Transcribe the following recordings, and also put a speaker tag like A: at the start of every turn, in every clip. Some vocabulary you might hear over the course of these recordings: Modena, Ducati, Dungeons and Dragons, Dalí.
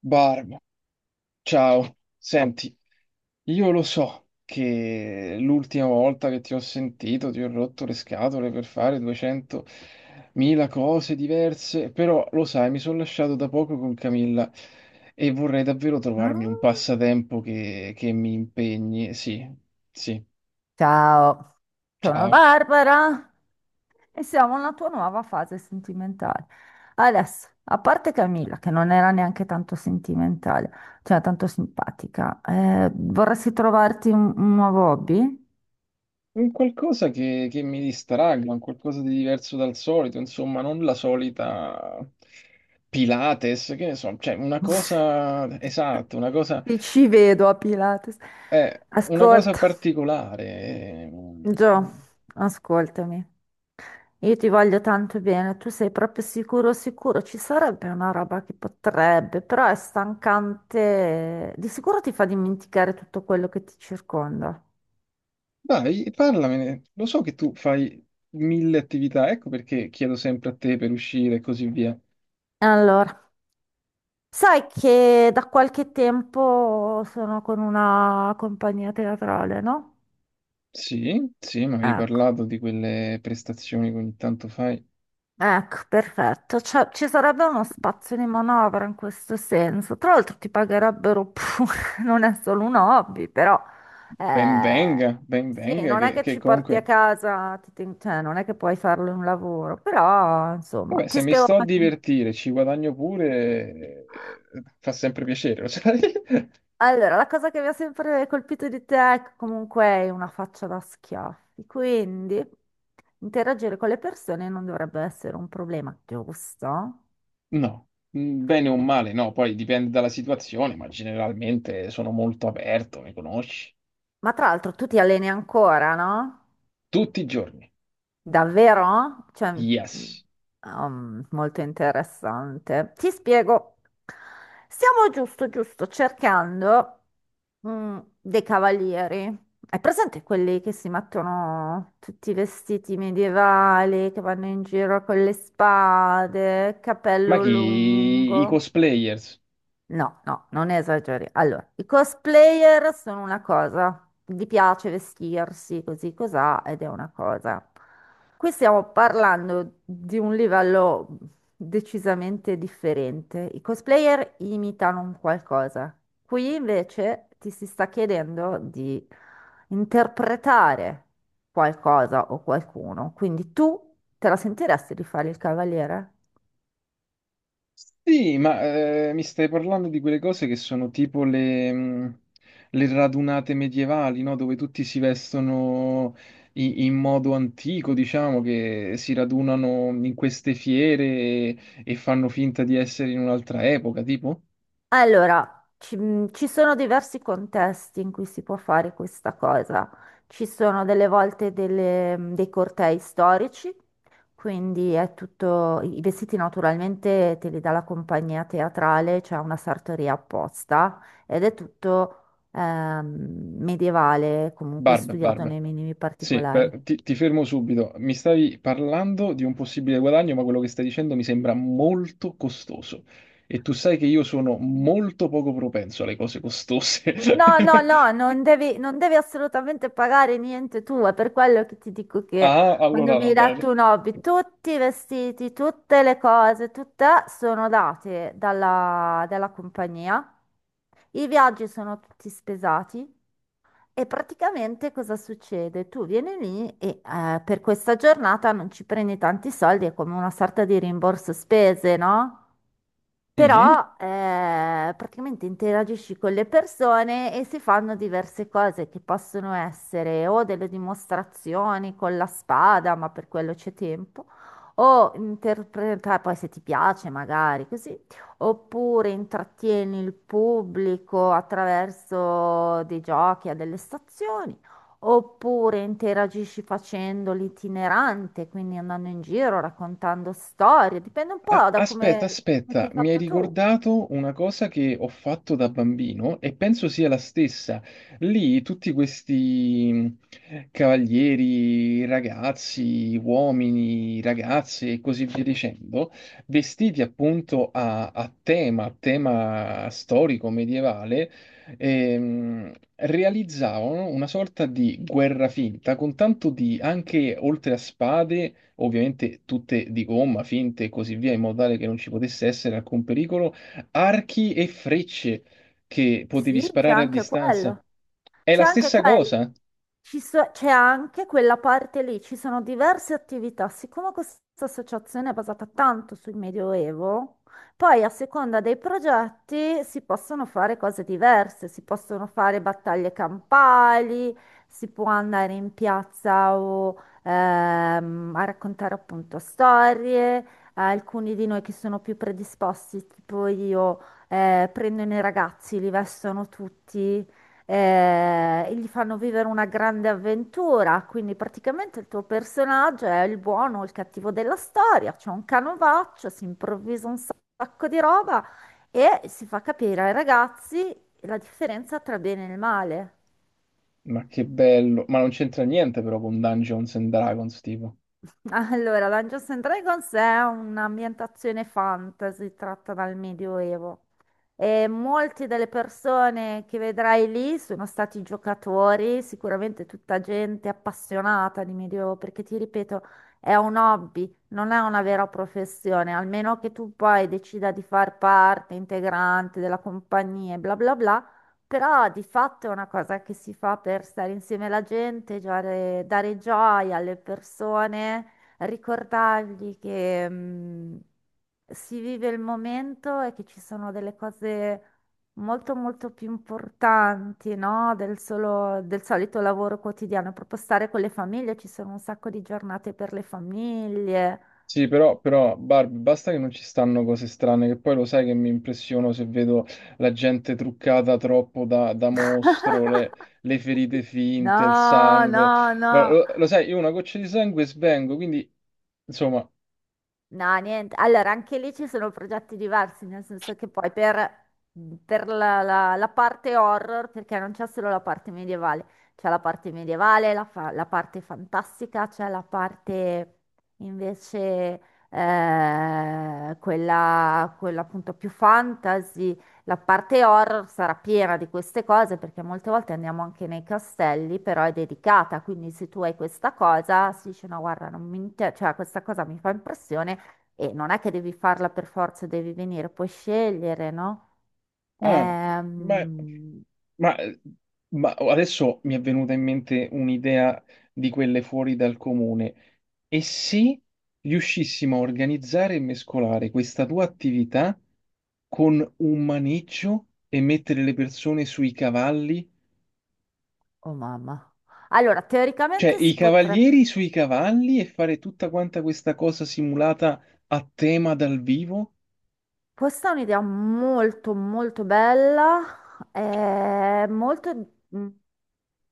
A: Barb, ciao. Senti, io lo so che l'ultima volta che ti ho sentito ti ho rotto le scatole per fare 200.000 cose diverse, però lo sai, mi sono lasciato da poco con Camilla e vorrei davvero
B: Ah.
A: trovarmi un passatempo che mi impegni. Sì, sì,
B: Ciao, sono
A: ciao.
B: Barbara e siamo alla tua nuova fase sentimentale. Adesso, a parte Camilla, che non era neanche tanto sentimentale, cioè tanto simpatica, vorresti trovarti un nuovo hobby?
A: Un qualcosa che mi distragga, un qualcosa di diverso dal solito, insomma, non la solita Pilates, che ne so, cioè una cosa esatta,
B: Ti ci vedo a Pilates.
A: eh, una cosa
B: Ascolta,
A: particolare.
B: Gio, ascoltami. Io ti voglio tanto bene, tu sei proprio sicuro, sicuro, ci sarebbe una roba che potrebbe, però è stancante, di sicuro ti fa dimenticare tutto quello che ti circonda.
A: Dai, parlamene, lo so che tu fai mille attività, ecco perché chiedo sempre a te per uscire e così via.
B: Allora, sai che da qualche tempo sono con una compagnia teatrale, no?
A: Sì, sì, ma avevi
B: Ecco.
A: parlato di quelle prestazioni che ogni tanto fai.
B: Ecco, perfetto. Cioè, ci sarebbe uno spazio di manovra in questo senso. Tra l'altro ti pagherebbero pure, non è solo un hobby, però eh,
A: Ben
B: sì,
A: venga,
B: non è
A: che
B: che
A: che
B: ci porti a
A: comunque...
B: casa, cioè, non è che puoi farlo in un lavoro, però insomma,
A: Vabbè, se
B: ti
A: mi
B: spiego.
A: sto a
B: Un attimo.
A: divertire, ci guadagno pure, fa sempre piacere, lo sai?
B: Allora, la cosa che mi ha sempre colpito di te è che comunque hai una faccia da schiaffi, quindi interagire con le persone non dovrebbe essere un problema, giusto?
A: No, bene o male, no, poi dipende dalla situazione, ma generalmente sono molto aperto, mi conosci?
B: Ma tra l'altro tu ti alleni ancora, no?
A: Tutti i giorni,
B: Davvero? Cioè, mm,
A: yes.
B: molto interessante. Ti spiego. Stiamo giusto cercando mm, dei cavalieri. Hai presente quelli che si mettono tutti i vestiti medievali, che vanno in giro con le spade,
A: Ma
B: capello
A: chi? I
B: lungo?
A: cosplayers.
B: No, no, non esageri. Allora, i cosplayer sono una cosa, gli piace vestirsi così cosà ed è una cosa. Qui stiamo parlando di un livello decisamente differente. I cosplayer imitano un qualcosa. Qui invece ti si sta chiedendo di interpretare qualcosa o qualcuno. Quindi tu te la sentiresti di fare il cavaliere?
A: Sì, ma mi stai parlando di quelle cose che sono tipo le radunate medievali, no? Dove tutti si vestono in modo antico, diciamo, che si radunano in queste fiere e fanno finta di essere in un'altra epoca, tipo?
B: Allora, ci, ci sono diversi contesti in cui si può fare questa cosa. Ci sono delle volte dei cortei storici, quindi è tutto, i vestiti naturalmente te li dà la compagnia teatrale, c'è una sartoria apposta ed è tutto medievale, comunque
A: Barbe,
B: studiato
A: barbe.
B: nei minimi
A: Sì,
B: particolari.
A: ti fermo subito. Mi stavi parlando di un possibile guadagno, ma quello che stai dicendo mi sembra molto costoso. E tu sai che io sono molto poco propenso alle cose costose.
B: No, no, no, non devi assolutamente pagare niente tu, è per quello che ti dico che
A: Ah,
B: quando
A: allora
B: mi
A: va
B: hai
A: bene.
B: dato un hobby, tutti i vestiti, tutte le cose, tutte sono date dalla compagnia, i viaggi sono tutti spesati e praticamente cosa succede? Tu vieni lì e per questa giornata non ci prendi tanti soldi, è come una sorta di rimborso spese, no?
A: Mhm.
B: Però praticamente interagisci con le persone e si fanno diverse cose che possono essere o delle dimostrazioni con la spada, ma per quello c'è tempo, o interpretare, poi se ti piace magari così, oppure intrattieni il pubblico attraverso dei giochi a delle stazioni. Oppure interagisci facendo l'itinerante, quindi andando in giro, raccontando storie, dipende un
A: Ah,
B: po' da
A: aspetta,
B: come
A: aspetta,
B: sei
A: mi hai
B: fatto tu.
A: ricordato una cosa che ho fatto da bambino e penso sia la stessa. Lì tutti questi cavalieri, ragazzi, uomini, ragazze e così via dicendo, vestiti appunto a tema, a tema storico medievale, realizzavano una sorta di guerra finta con tanto di, anche oltre a spade, ovviamente tutte di gomma, finte e così via, in modo tale che non ci potesse essere alcun pericolo, archi e frecce che potevi
B: Sì, c'è
A: sparare a
B: anche
A: distanza.
B: quello.
A: È
B: C'è
A: la
B: anche
A: stessa
B: quella,
A: cosa?
B: c'è anche quella parte lì, ci sono diverse attività. Siccome questa associazione è basata tanto sul Medioevo, poi a seconda dei progetti si possono fare cose diverse, si possono fare battaglie campali, si può andare in piazza o, a raccontare appunto storie. Alcuni di noi che sono più predisposti, tipo io, prendono i ragazzi, li vestono tutti e gli fanno vivere una grande avventura. Quindi praticamente il tuo personaggio è il buono o il cattivo della storia, c'è un canovaccio, si improvvisa un sacco di roba e si fa capire ai ragazzi la differenza tra bene e il male.
A: Ma che bello, ma non c'entra niente però con Dungeons and Dragons, tipo.
B: Allora, Dungeons and Dragons è un'ambientazione fantasy tratta dal Medioevo e molte delle persone che vedrai lì sono stati giocatori, sicuramente tutta gente appassionata di Medioevo, perché ti ripeto, è un hobby, non è una vera professione, almeno che tu poi decida di far parte integrante della compagnia e bla bla bla. Però di fatto è una cosa che si fa per stare insieme alla gente, dare gioia alle persone ricordargli che si vive il momento e che ci sono delle cose molto molto più importanti, no? Del solito lavoro quotidiano, proprio stare con le famiglie, ci sono un sacco di giornate per le famiglie.
A: Sì, però, Barb, basta che non ci stanno cose strane, che poi lo sai che mi impressiono se vedo la gente truccata troppo da mostro, le ferite finte, il
B: No,
A: sangue.
B: no,
A: Lo,
B: no.
A: lo- lo sai, io una goccia di sangue svengo, quindi, insomma,
B: No, niente. Allora, anche lì ci sono progetti diversi, nel senso che per la, la parte horror, perché non c'è solo la parte medievale, c'è la parte medievale, la parte fantastica, c'è la parte invece quella appunto più fantasy. La parte horror sarà piena di queste cose perché molte volte andiamo anche nei castelli, però è dedicata, quindi se tu hai questa cosa, si dice no, guarda, non mi inter- cioè, questa cosa mi fa impressione e non è che devi farla per forza, devi venire, puoi scegliere, no?
A: ah, beh,
B: Ehm,
A: ma, ma adesso mi è venuta in mente un'idea di quelle fuori dal comune. E se riuscissimo a organizzare e mescolare questa tua attività con un maneggio e mettere le persone sui cavalli,
B: Oh mamma. Allora,
A: cioè
B: teoricamente
A: i
B: si potrebbe...
A: cavalieri sui cavalli e fare tutta quanta questa cosa simulata a tema dal vivo?
B: Questa è un'idea molto molto bella, è molto... mm,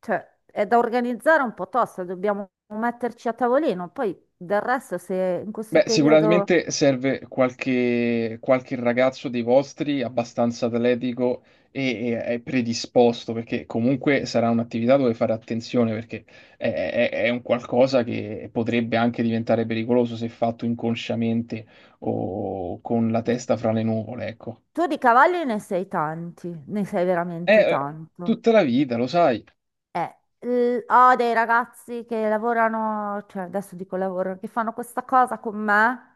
B: cioè, è da organizzare un po' tosta, dobbiamo metterci a tavolino, poi del resto se in questo
A: Beh,
B: periodo...
A: sicuramente serve qualche ragazzo dei vostri abbastanza atletico e predisposto, perché comunque sarà un'attività dove fare attenzione, perché è un qualcosa che potrebbe anche diventare pericoloso se fatto inconsciamente o con la testa fra le nuvole, ecco.
B: Tu di cavalli ne sei tanti, ne sei
A: È
B: veramente tanto.
A: tutta la vita, lo sai.
B: Eh, ho dei ragazzi che lavorano, cioè adesso dico lavoro, che fanno questa cosa con me,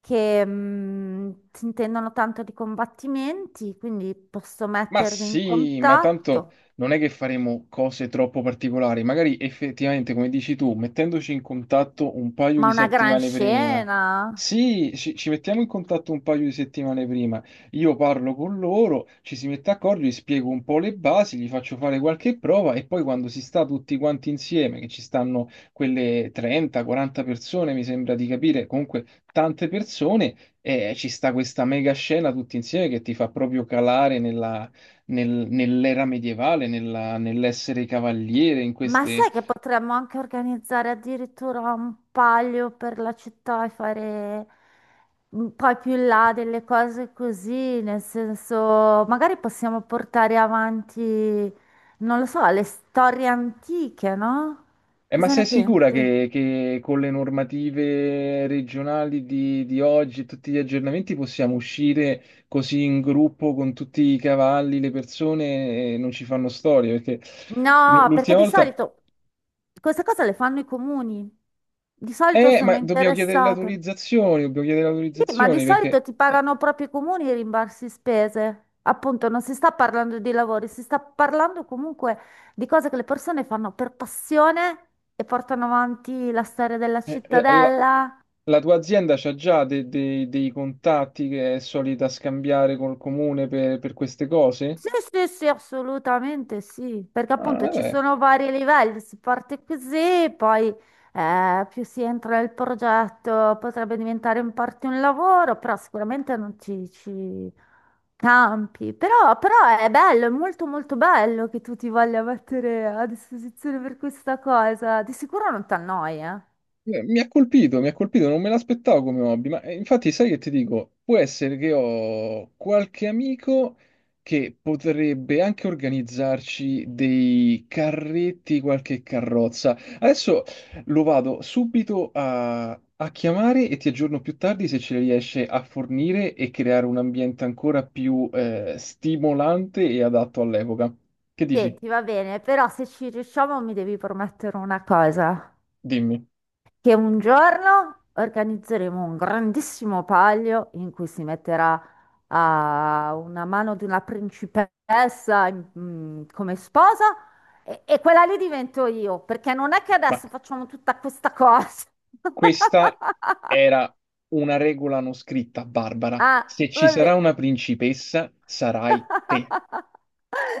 B: che si intendono tanto di combattimenti, quindi posso
A: Ma
B: mettervi in
A: sì, ma tanto
B: contatto.
A: non è che faremo cose troppo particolari, magari effettivamente, come dici tu, mettendoci in contatto un paio
B: Ma
A: di
B: una gran
A: settimane prima.
B: scena!
A: Sì, ci mettiamo in contatto un paio di settimane prima. Io parlo con loro, ci si mette d'accordo, gli spiego un po' le basi, gli faccio fare qualche prova e poi quando si sta tutti quanti insieme, che ci stanno quelle 30-40 persone, mi sembra di capire, comunque tante persone, ci sta questa mega scena tutti insieme che ti fa proprio calare nella nell'era medievale, nell'essere cavaliere, in
B: Ma
A: queste...
B: sai che potremmo anche organizzare addirittura un palio per la città e fare mm, poi più in là delle cose così, nel senso, magari possiamo portare avanti, non lo so, le storie antiche, no?
A: Ma
B: Cosa
A: sei
B: ne
A: sicura
B: pensi?
A: che con le normative regionali di oggi e tutti gli aggiornamenti possiamo uscire così in gruppo con tutti i cavalli, le persone, e non ci fanno storie? Perché l-
B: No, perché
A: l'ultima
B: di
A: volta...
B: solito queste cose le fanno i comuni. Di solito
A: Ma
B: sono
A: dobbiamo chiedere le
B: interessate.
A: autorizzazioni, dobbiamo chiedere le
B: Sì, ma di
A: autorizzazioni
B: solito
A: perché...
B: ti pagano proprio i comuni i rimborsi spese. Appunto, non si sta parlando di lavori, si sta parlando comunque di cose che le persone fanno per passione e portano avanti la storia della
A: eh, la-
B: cittadella.
A: La tua azienda c'ha già dei contatti che è solita scambiare col comune per queste cose?
B: Sì, sì, sì, assolutamente sì, perché
A: Ah,
B: appunto ci
A: vabbè.
B: sono vari livelli, si parte così, poi più si entra nel progetto potrebbe diventare in parte un lavoro, però sicuramente non ci, ci campi, però è bello, è molto molto bello che tu ti voglia mettere a disposizione per questa cosa, di sicuro non ti annoia.
A: Mi ha colpito, mi ha colpito, non me l'aspettavo come hobby, ma infatti sai che ti dico, può essere che ho qualche amico che potrebbe anche organizzarci dei carretti, qualche carrozza. Adesso lo vado subito a chiamare e ti aggiorno più tardi se ce le riesce a fornire e creare un ambiente ancora più stimolante e adatto all'epoca. Che dici?
B: Senti, va bene, però se ci riusciamo mi devi promettere una cosa.
A: Dimmi.
B: Che un giorno organizzeremo un grandissimo palio in cui si metterà a una mano di una principessa come sposa e quella lì divento io, perché non è che
A: Ma
B: adesso facciamo tutta questa cosa.
A: Questa era una regola non scritta, Barbara.
B: Ah,
A: Se ci sarà
B: vabbè.
A: una principessa, sarai te.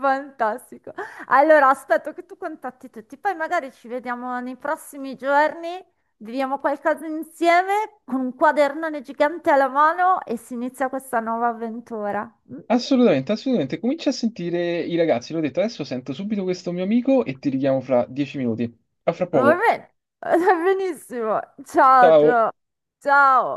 B: Fantastico. Allora, aspetto che tu contatti tutti, poi magari ci vediamo nei prossimi giorni, viviamo qualcosa insieme con un quadernone gigante alla mano e si inizia questa nuova avventura. Mm?
A: Assolutamente, assolutamente. Comincia a sentire i ragazzi. L'ho detto, adesso sento subito questo mio amico e ti richiamo fra 10 minuti. A fra
B: Va
A: poco.
B: bene, va benissimo. Ciao,
A: Ciao.
B: ciao. Ciao.